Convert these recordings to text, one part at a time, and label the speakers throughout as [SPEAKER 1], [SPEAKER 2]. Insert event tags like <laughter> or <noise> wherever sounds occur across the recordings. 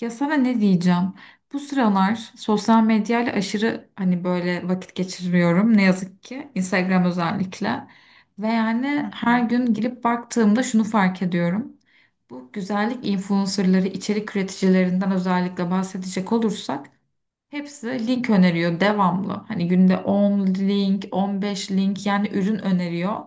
[SPEAKER 1] Ya sana ne diyeceğim? Bu sıralar sosyal medyayla aşırı hani böyle vakit geçiriyorum ne yazık ki Instagram özellikle. Ve
[SPEAKER 2] Hı
[SPEAKER 1] yani her
[SPEAKER 2] hı.
[SPEAKER 1] gün girip baktığımda şunu fark ediyorum. Bu güzellik influencerları, içerik üreticilerinden özellikle bahsedecek olursak hepsi link öneriyor devamlı. Hani günde 10 link, 15 link yani ürün öneriyor.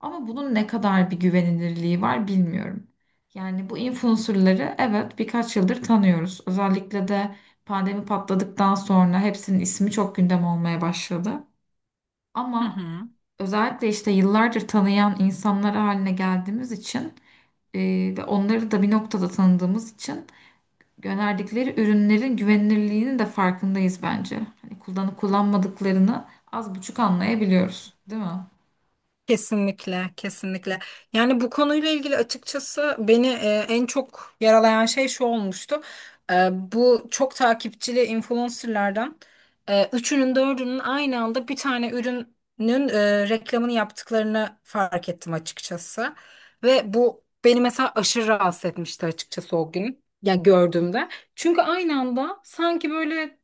[SPEAKER 1] Ama bunun ne kadar bir güvenilirliği var bilmiyorum. Yani bu influencerları evet birkaç yıldır tanıyoruz. Özellikle de pandemi patladıktan sonra hepsinin ismi çok gündem olmaya başladı.
[SPEAKER 2] Hı
[SPEAKER 1] Ama
[SPEAKER 2] hı.
[SPEAKER 1] özellikle işte yıllardır tanıyan insanlar haline geldiğimiz için e, ve onları da bir noktada tanıdığımız için gönderdikleri ürünlerin güvenilirliğinin de farkındayız bence. Hani kullanıp kullanmadıklarını az buçuk anlayabiliyoruz, değil mi?
[SPEAKER 2] Kesinlikle, kesinlikle. Yani bu konuyla ilgili açıkçası beni en çok yaralayan şey şu olmuştu. Bu çok takipçili influencerlardan üçünün dördünün aynı anda bir tane ürünün reklamını yaptıklarını fark ettim açıkçası. Ve bu beni mesela aşırı rahatsız etmişti açıkçası o gün. Yani gördüğümde. Çünkü aynı anda sanki böyle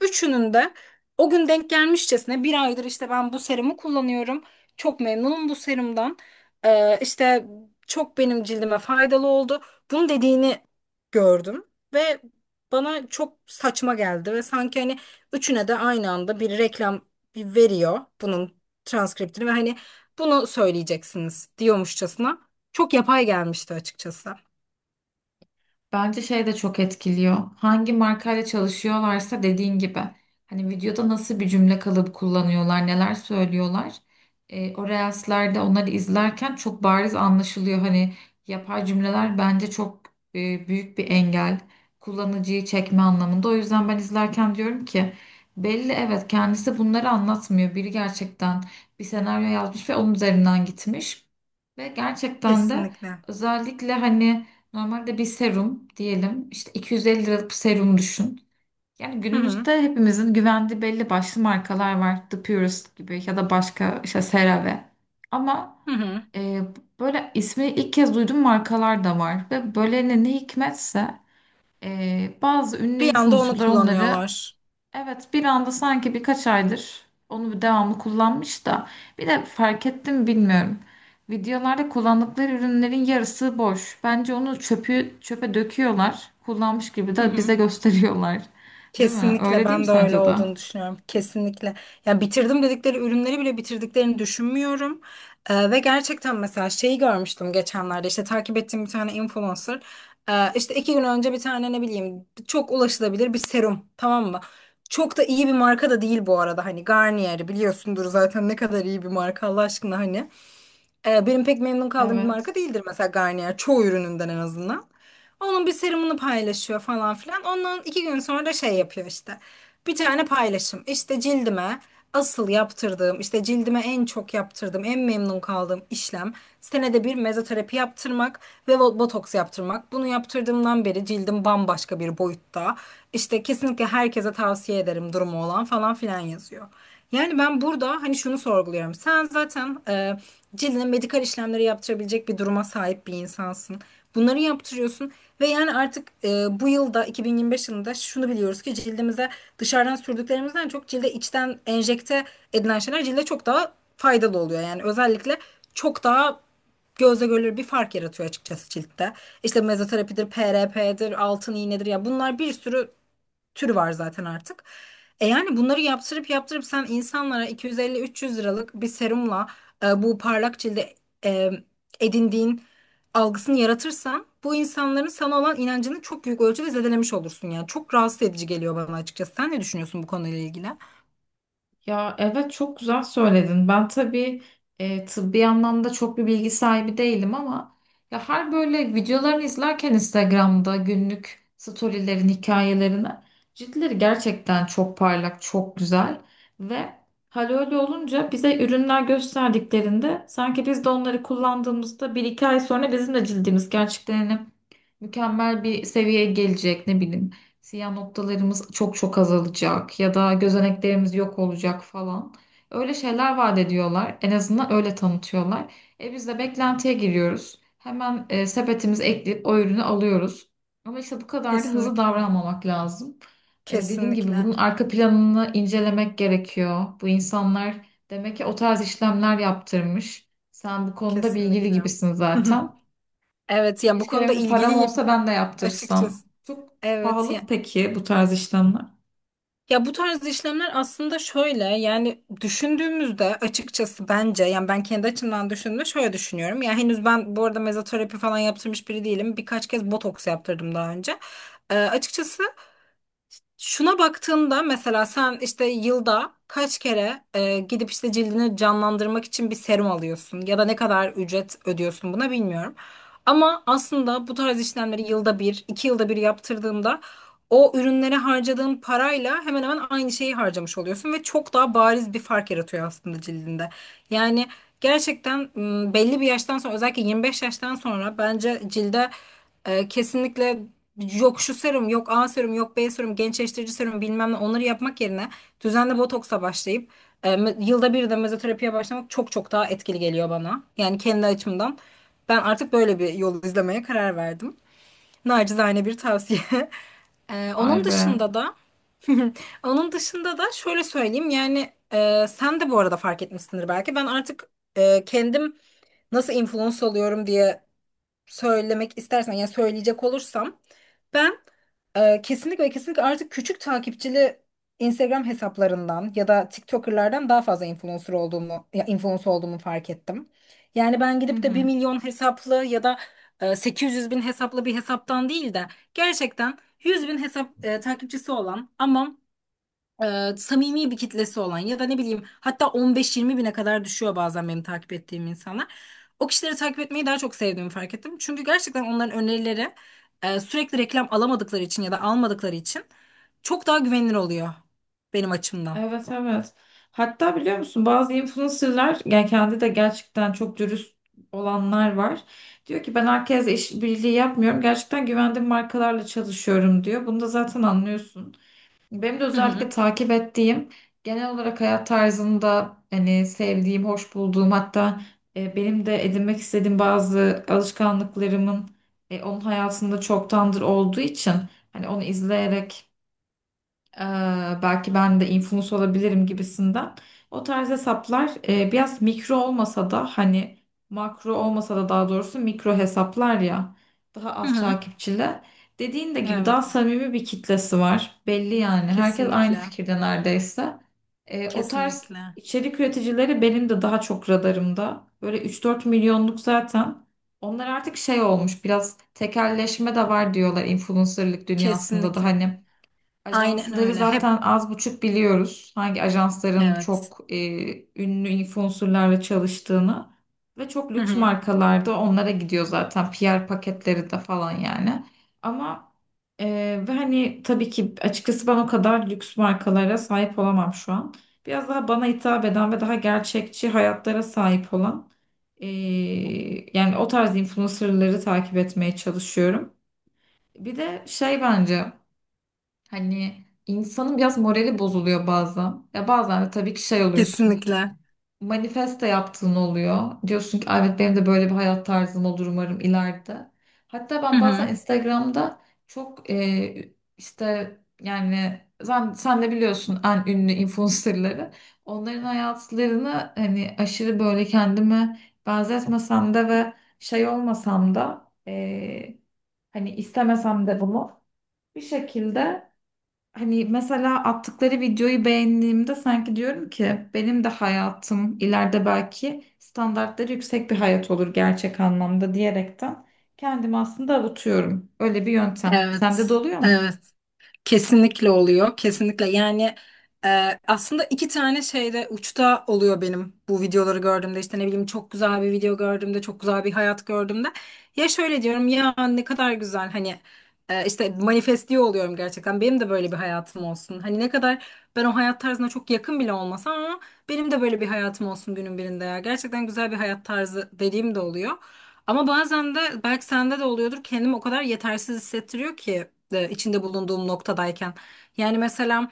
[SPEAKER 2] üçünün de o gün denk gelmişçesine bir aydır işte ben bu serumu kullanıyorum. Çok memnunum bu serumdan. İşte çok benim cildime faydalı oldu. Bunu dediğini gördüm ve bana çok saçma geldi ve sanki hani üçüne de aynı anda bir reklam veriyor bunun transkriptini ve hani bunu söyleyeceksiniz diyormuşçasına. Çok yapay gelmişti açıkçası.
[SPEAKER 1] Bence şey de çok etkiliyor. Hangi markayla çalışıyorlarsa dediğin gibi. Hani videoda nasıl bir cümle kalıbı kullanıyorlar, neler söylüyorlar. E, o reels'lerde onları izlerken çok bariz anlaşılıyor. Hani yapay cümleler bence çok büyük bir engel. Kullanıcıyı çekme anlamında. O yüzden ben izlerken diyorum ki belli, evet, kendisi bunları anlatmıyor. Biri gerçekten bir senaryo yazmış ve onun üzerinden gitmiş. Ve gerçekten de
[SPEAKER 2] Kesinlikle.
[SPEAKER 1] özellikle hani normalde bir serum diyelim, işte 250 liralık bir serum düşün. Yani
[SPEAKER 2] Hı hı.
[SPEAKER 1] günümüzde hepimizin güvendiği belli başlı markalar var. The Purist gibi, ya da başka işte CeraVe. Ama
[SPEAKER 2] Hı hı.
[SPEAKER 1] e, böyle ismi ilk kez duyduğum markalar da var. Ve böyle ne hikmetse bazı ünlü
[SPEAKER 2] Bir anda onu
[SPEAKER 1] influencerlar onları...
[SPEAKER 2] kullanıyorlar.
[SPEAKER 1] Evet, bir anda sanki birkaç aydır onu bir devamlı kullanmış da bir de fark ettim, bilmiyorum. Videolarda kullandıkları ürünlerin yarısı boş. Bence onu, çöpü çöpe döküyorlar. Kullanmış gibi de bize <laughs> gösteriyorlar. Değil mi?
[SPEAKER 2] Kesinlikle
[SPEAKER 1] Öyle değil mi,
[SPEAKER 2] ben de öyle
[SPEAKER 1] sence de?
[SPEAKER 2] olduğunu düşünüyorum. Kesinlikle. Ya bitirdim dedikleri ürünleri bile bitirdiklerini düşünmüyorum. Ve gerçekten mesela şeyi görmüştüm geçenlerde işte takip ettiğim bir tane influencer. İşte iki gün önce bir tane ne bileyim çok ulaşılabilir bir serum, tamam mı? Çok da iyi bir marka da değil bu arada, hani Garnier'i biliyorsundur zaten ne kadar iyi bir marka Allah aşkına hani. Benim pek memnun kaldığım bir marka
[SPEAKER 1] Evet.
[SPEAKER 2] değildir mesela Garnier, çoğu ürününden en azından. Onun bir serumunu paylaşıyor falan filan. Ondan iki gün sonra da şey yapıyor işte. Bir tane paylaşım. İşte cildime asıl yaptırdığım, işte cildime en çok yaptırdığım, en memnun kaldığım işlem senede bir mezoterapi yaptırmak ve botoks yaptırmak. Bunu yaptırdığımdan beri cildim bambaşka bir boyutta. İşte kesinlikle herkese tavsiye ederim, durumu olan falan filan yazıyor. Yani ben burada hani şunu sorguluyorum. Sen zaten cildine medikal işlemleri yaptırabilecek bir duruma sahip bir insansın. Bunları yaptırıyorsun ve yani artık bu yılda, 2025 yılında, şunu biliyoruz ki cildimize dışarıdan sürdüklerimizden çok cilde içten enjekte edilen şeyler cilde çok daha faydalı oluyor. Yani özellikle çok daha gözle görülür bir fark yaratıyor açıkçası ciltte. İşte mezoterapidir, PRP'dir, altın iğnedir ya, bunlar bir sürü türü var zaten artık. Yani bunları yaptırıp yaptırıp sen insanlara 250-300 liralık bir serumla bu parlak cilde e, edindiğin algısını yaratırsan bu insanların sana olan inancını çok büyük ölçüde zedelemiş olursun yani. Çok rahatsız edici geliyor bana açıkçası. Sen ne düşünüyorsun bu konuyla ilgili?
[SPEAKER 1] Ya evet, çok güzel söyledin. Ben tabii tıbbi anlamda çok bir bilgi sahibi değilim, ama ya her böyle videolarını izlerken Instagram'da günlük storylerin, hikayelerini, ciltleri gerçekten çok parlak, çok güzel ve hal öyle olunca bize ürünler gösterdiklerinde sanki biz de onları kullandığımızda bir iki ay sonra bizim de cildimiz gerçekten hani mükemmel bir seviyeye gelecek, ne bileyim. Siyah noktalarımız çok çok azalacak ya da gözeneklerimiz yok olacak falan. Öyle şeyler vaat ediyorlar. En azından öyle tanıtıyorlar. E, biz de beklentiye giriyoruz. Hemen sepetimizi ekleyip o ürünü alıyoruz. Ama işte bu kadar da hızlı
[SPEAKER 2] Kesinlikle.
[SPEAKER 1] davranmamak lazım. E, dediğim gibi
[SPEAKER 2] Kesinlikle.
[SPEAKER 1] bunun arka planını incelemek gerekiyor. Bu insanlar demek ki o tarz işlemler yaptırmış. Sen bu konuda bilgili
[SPEAKER 2] Kesinlikle.
[SPEAKER 1] gibisin
[SPEAKER 2] <laughs>
[SPEAKER 1] zaten.
[SPEAKER 2] Evet, yani bu
[SPEAKER 1] Keşke
[SPEAKER 2] konuda
[SPEAKER 1] benim de param
[SPEAKER 2] ilgiliyim
[SPEAKER 1] olsa ben de yaptırsam.
[SPEAKER 2] açıkçası.
[SPEAKER 1] Çok
[SPEAKER 2] Evet.
[SPEAKER 1] pahalı mı peki bu tarz işlemler?
[SPEAKER 2] Ya bu tarz işlemler aslında şöyle, yani düşündüğümüzde açıkçası bence, yani ben kendi açımdan düşündüğümde şöyle düşünüyorum. Ya henüz ben bu arada mezoterapi falan yaptırmış biri değilim. Birkaç kez botoks yaptırdım daha önce. Açıkçası şuna baktığımda mesela sen işte yılda kaç kere gidip işte cildini canlandırmak için bir serum alıyorsun ya da ne kadar ücret ödüyorsun buna, bilmiyorum. Ama aslında bu tarz işlemleri yılda bir, iki yılda bir yaptırdığında o ürünlere harcadığın parayla hemen hemen aynı şeyi harcamış oluyorsun ve çok daha bariz bir fark yaratıyor aslında cildinde. Yani gerçekten belli bir yaştan sonra, özellikle 25 yaştan sonra, bence cilde kesinlikle yok şu serum, yok A serum, yok B serum, gençleştirici serum bilmem ne, onları yapmak yerine düzenli botoksa başlayıp yılda bir de mezoterapiye başlamak çok çok daha etkili geliyor bana. Yani kendi açımdan ben artık böyle bir yol izlemeye karar verdim. Nacizane bir tavsiye. <laughs>
[SPEAKER 1] Vay
[SPEAKER 2] Onun
[SPEAKER 1] be.
[SPEAKER 2] dışında da <laughs> onun dışında da şöyle söyleyeyim yani, sen de bu arada fark etmişsindir belki. Ben artık kendim nasıl influence oluyorum diye söylemek istersen, yani söyleyecek olursam, ben kesinlikle ve kesinlikle artık küçük takipçili Instagram hesaplarından ya da TikToker'lardan daha fazla influencer olduğumu, ya influencer olduğumu fark ettim. Yani ben
[SPEAKER 1] Hı
[SPEAKER 2] gidip de bir
[SPEAKER 1] hı.
[SPEAKER 2] milyon hesaplı ya da 800 bin hesaplı bir hesaptan değil de gerçekten 100 bin hesap takipçisi olan ama samimi bir kitlesi olan, ya da ne bileyim, hatta 15-20 bine kadar düşüyor bazen benim takip ettiğim insanlar. O kişileri takip etmeyi daha çok sevdiğimi fark ettim. Çünkü gerçekten onların önerileri sürekli reklam alamadıkları için ya da almadıkları için çok daha güvenilir oluyor benim açımdan.
[SPEAKER 1] Evet, evet. Hatta biliyor musun, bazı influencerlar yani kendi de gerçekten çok dürüst olanlar var. Diyor ki ben herkesle işbirliği yapmıyorum. Gerçekten güvendiğim markalarla çalışıyorum diyor. Bunu da zaten anlıyorsun. Benim de
[SPEAKER 2] Hı hı.
[SPEAKER 1] özellikle takip ettiğim, genel olarak hayat tarzında hani sevdiğim, hoş bulduğum, hatta benim de edinmek istediğim bazı alışkanlıklarımın onun hayatında çoktandır olduğu için, hani onu izleyerek ee, belki ben de influencer olabilirim gibisinden. O tarz hesaplar biraz mikro olmasa da, hani makro olmasa da, daha doğrusu mikro hesaplar ya, daha
[SPEAKER 2] Hı
[SPEAKER 1] az
[SPEAKER 2] hı.
[SPEAKER 1] takipçili. Dediğin de gibi daha
[SPEAKER 2] Evet.
[SPEAKER 1] samimi bir kitlesi var. Belli yani. Herkes aynı
[SPEAKER 2] Kesinlikle.
[SPEAKER 1] fikirde neredeyse. E, o tarz
[SPEAKER 2] Kesinlikle.
[SPEAKER 1] içerik üreticileri benim de daha çok radarımda. Böyle 3-4 milyonluk zaten. Onlar artık şey olmuş, biraz tekelleşme de var diyorlar influencerlık dünyasında da,
[SPEAKER 2] Kesinlikle.
[SPEAKER 1] hani
[SPEAKER 2] Aynen
[SPEAKER 1] ajansları
[SPEAKER 2] öyle. Hep
[SPEAKER 1] zaten az buçuk biliyoruz. Hangi ajansların
[SPEAKER 2] evet.
[SPEAKER 1] çok ünlü influencerlarla çalıştığını ve çok
[SPEAKER 2] Hı
[SPEAKER 1] lüks
[SPEAKER 2] hı.
[SPEAKER 1] markalarda onlara gidiyor zaten, PR paketleri de falan yani. Ama e, ve hani tabii ki açıkçası ben o kadar lüks markalara sahip olamam şu an. Biraz daha bana hitap eden ve daha gerçekçi hayatlara sahip olan e, yani o tarz influencerları takip etmeye çalışıyorum. Bir de şey bence, hani insanın biraz morali bozuluyor bazen. Ya bazen de tabii ki şey oluyorsun.
[SPEAKER 2] Kesinlikle.
[SPEAKER 1] Manifeste yaptığın oluyor. Diyorsun ki, "Ay evet, benim de böyle bir hayat tarzım olur umarım ileride." Hatta
[SPEAKER 2] Hı
[SPEAKER 1] ben bazen
[SPEAKER 2] hı.
[SPEAKER 1] Instagram'da çok işte yani sen de biliyorsun en ünlü influencerları. Onların hayatlarını hani aşırı böyle kendime benzetmesem de ve şey olmasam da hani istemesem de bunu bir şekilde, hani mesela attıkları videoyu beğendiğimde sanki diyorum ki benim de hayatım ileride belki standartları yüksek bir hayat olur gerçek anlamda diyerekten kendimi aslında avutuyorum. Öyle bir yöntem.
[SPEAKER 2] Evet,
[SPEAKER 1] Sende de oluyor mu?
[SPEAKER 2] evet. Kesinlikle oluyor, kesinlikle. Yani aslında iki tane şeyde uçta oluyor benim bu videoları gördüğümde. İşte ne bileyim, çok güzel bir video gördüğümde, çok güzel bir hayat gördüğümde. Ya şöyle diyorum, ya ne kadar güzel, hani işte manifestliyor oluyorum gerçekten. Benim de böyle bir hayatım olsun. Hani ne kadar ben o hayat tarzına çok yakın bile olmasam ama benim de böyle bir hayatım olsun günün birinde ya. Gerçekten güzel bir hayat tarzı dediğim de oluyor. Ama bazen de, belki sende de oluyordur, kendimi o kadar yetersiz hissettiriyor ki içinde bulunduğum noktadayken. Yani mesela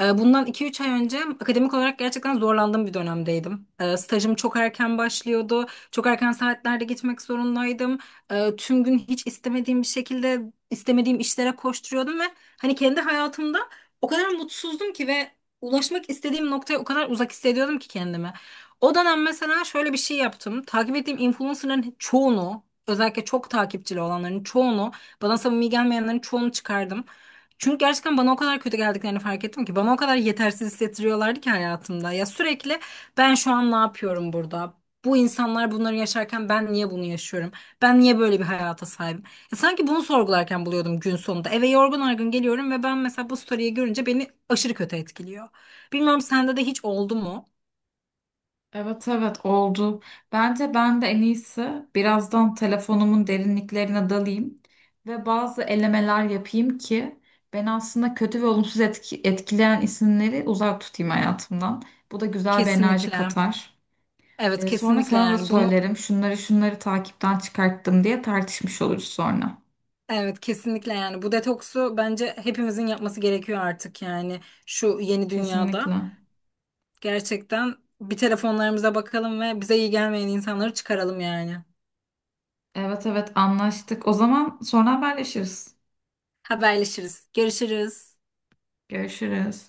[SPEAKER 2] bundan 2-3 ay önce akademik olarak gerçekten zorlandığım bir dönemdeydim. Stajım çok erken başlıyordu. Çok erken saatlerde gitmek zorundaydım. Tüm gün hiç istemediğim bir şekilde istemediğim işlere koşturuyordum ve hani kendi hayatımda o kadar mutsuzdum ki ve ulaşmak istediğim noktaya o kadar uzak hissediyordum ki kendimi. O dönem mesela şöyle bir şey yaptım. Takip ettiğim influencerların çoğunu, özellikle çok takipçili olanların çoğunu, bana samimi gelmeyenlerin çoğunu çıkardım. Çünkü gerçekten bana o kadar kötü geldiklerini fark ettim ki, bana o kadar yetersiz hissettiriyorlardı ki hayatımda. Ya sürekli, ben şu an ne yapıyorum burada? Bu insanlar bunları yaşarken ben niye bunu yaşıyorum? Ben niye böyle bir hayata sahibim? Ya sanki bunu sorgularken buluyordum gün sonunda. Eve yorgun argın geliyorum ve ben mesela bu story'yi görünce beni aşırı kötü etkiliyor. Bilmiyorum, sende de hiç oldu mu?
[SPEAKER 1] Evet, evet, oldu. Bence ben de en iyisi birazdan telefonumun derinliklerine dalayım ve bazı elemeler yapayım ki beni aslında kötü ve olumsuz etkileyen isimleri uzak tutayım hayatımdan. Bu da güzel bir enerji
[SPEAKER 2] Kesinlikle.
[SPEAKER 1] katar.
[SPEAKER 2] Evet
[SPEAKER 1] E, sonra
[SPEAKER 2] kesinlikle
[SPEAKER 1] sana da
[SPEAKER 2] yani bunu,
[SPEAKER 1] söylerim. Şunları şunları takipten çıkarttım diye tartışmış oluruz sonra.
[SPEAKER 2] evet kesinlikle yani bu detoksu bence hepimizin yapması gerekiyor artık yani şu yeni dünyada.
[SPEAKER 1] Kesinlikle.
[SPEAKER 2] Gerçekten bir telefonlarımıza bakalım ve bize iyi gelmeyen insanları çıkaralım yani.
[SPEAKER 1] Evet, evet, anlaştık. O zaman sonra haberleşiriz.
[SPEAKER 2] Haberleşiriz. Görüşürüz.
[SPEAKER 1] Görüşürüz.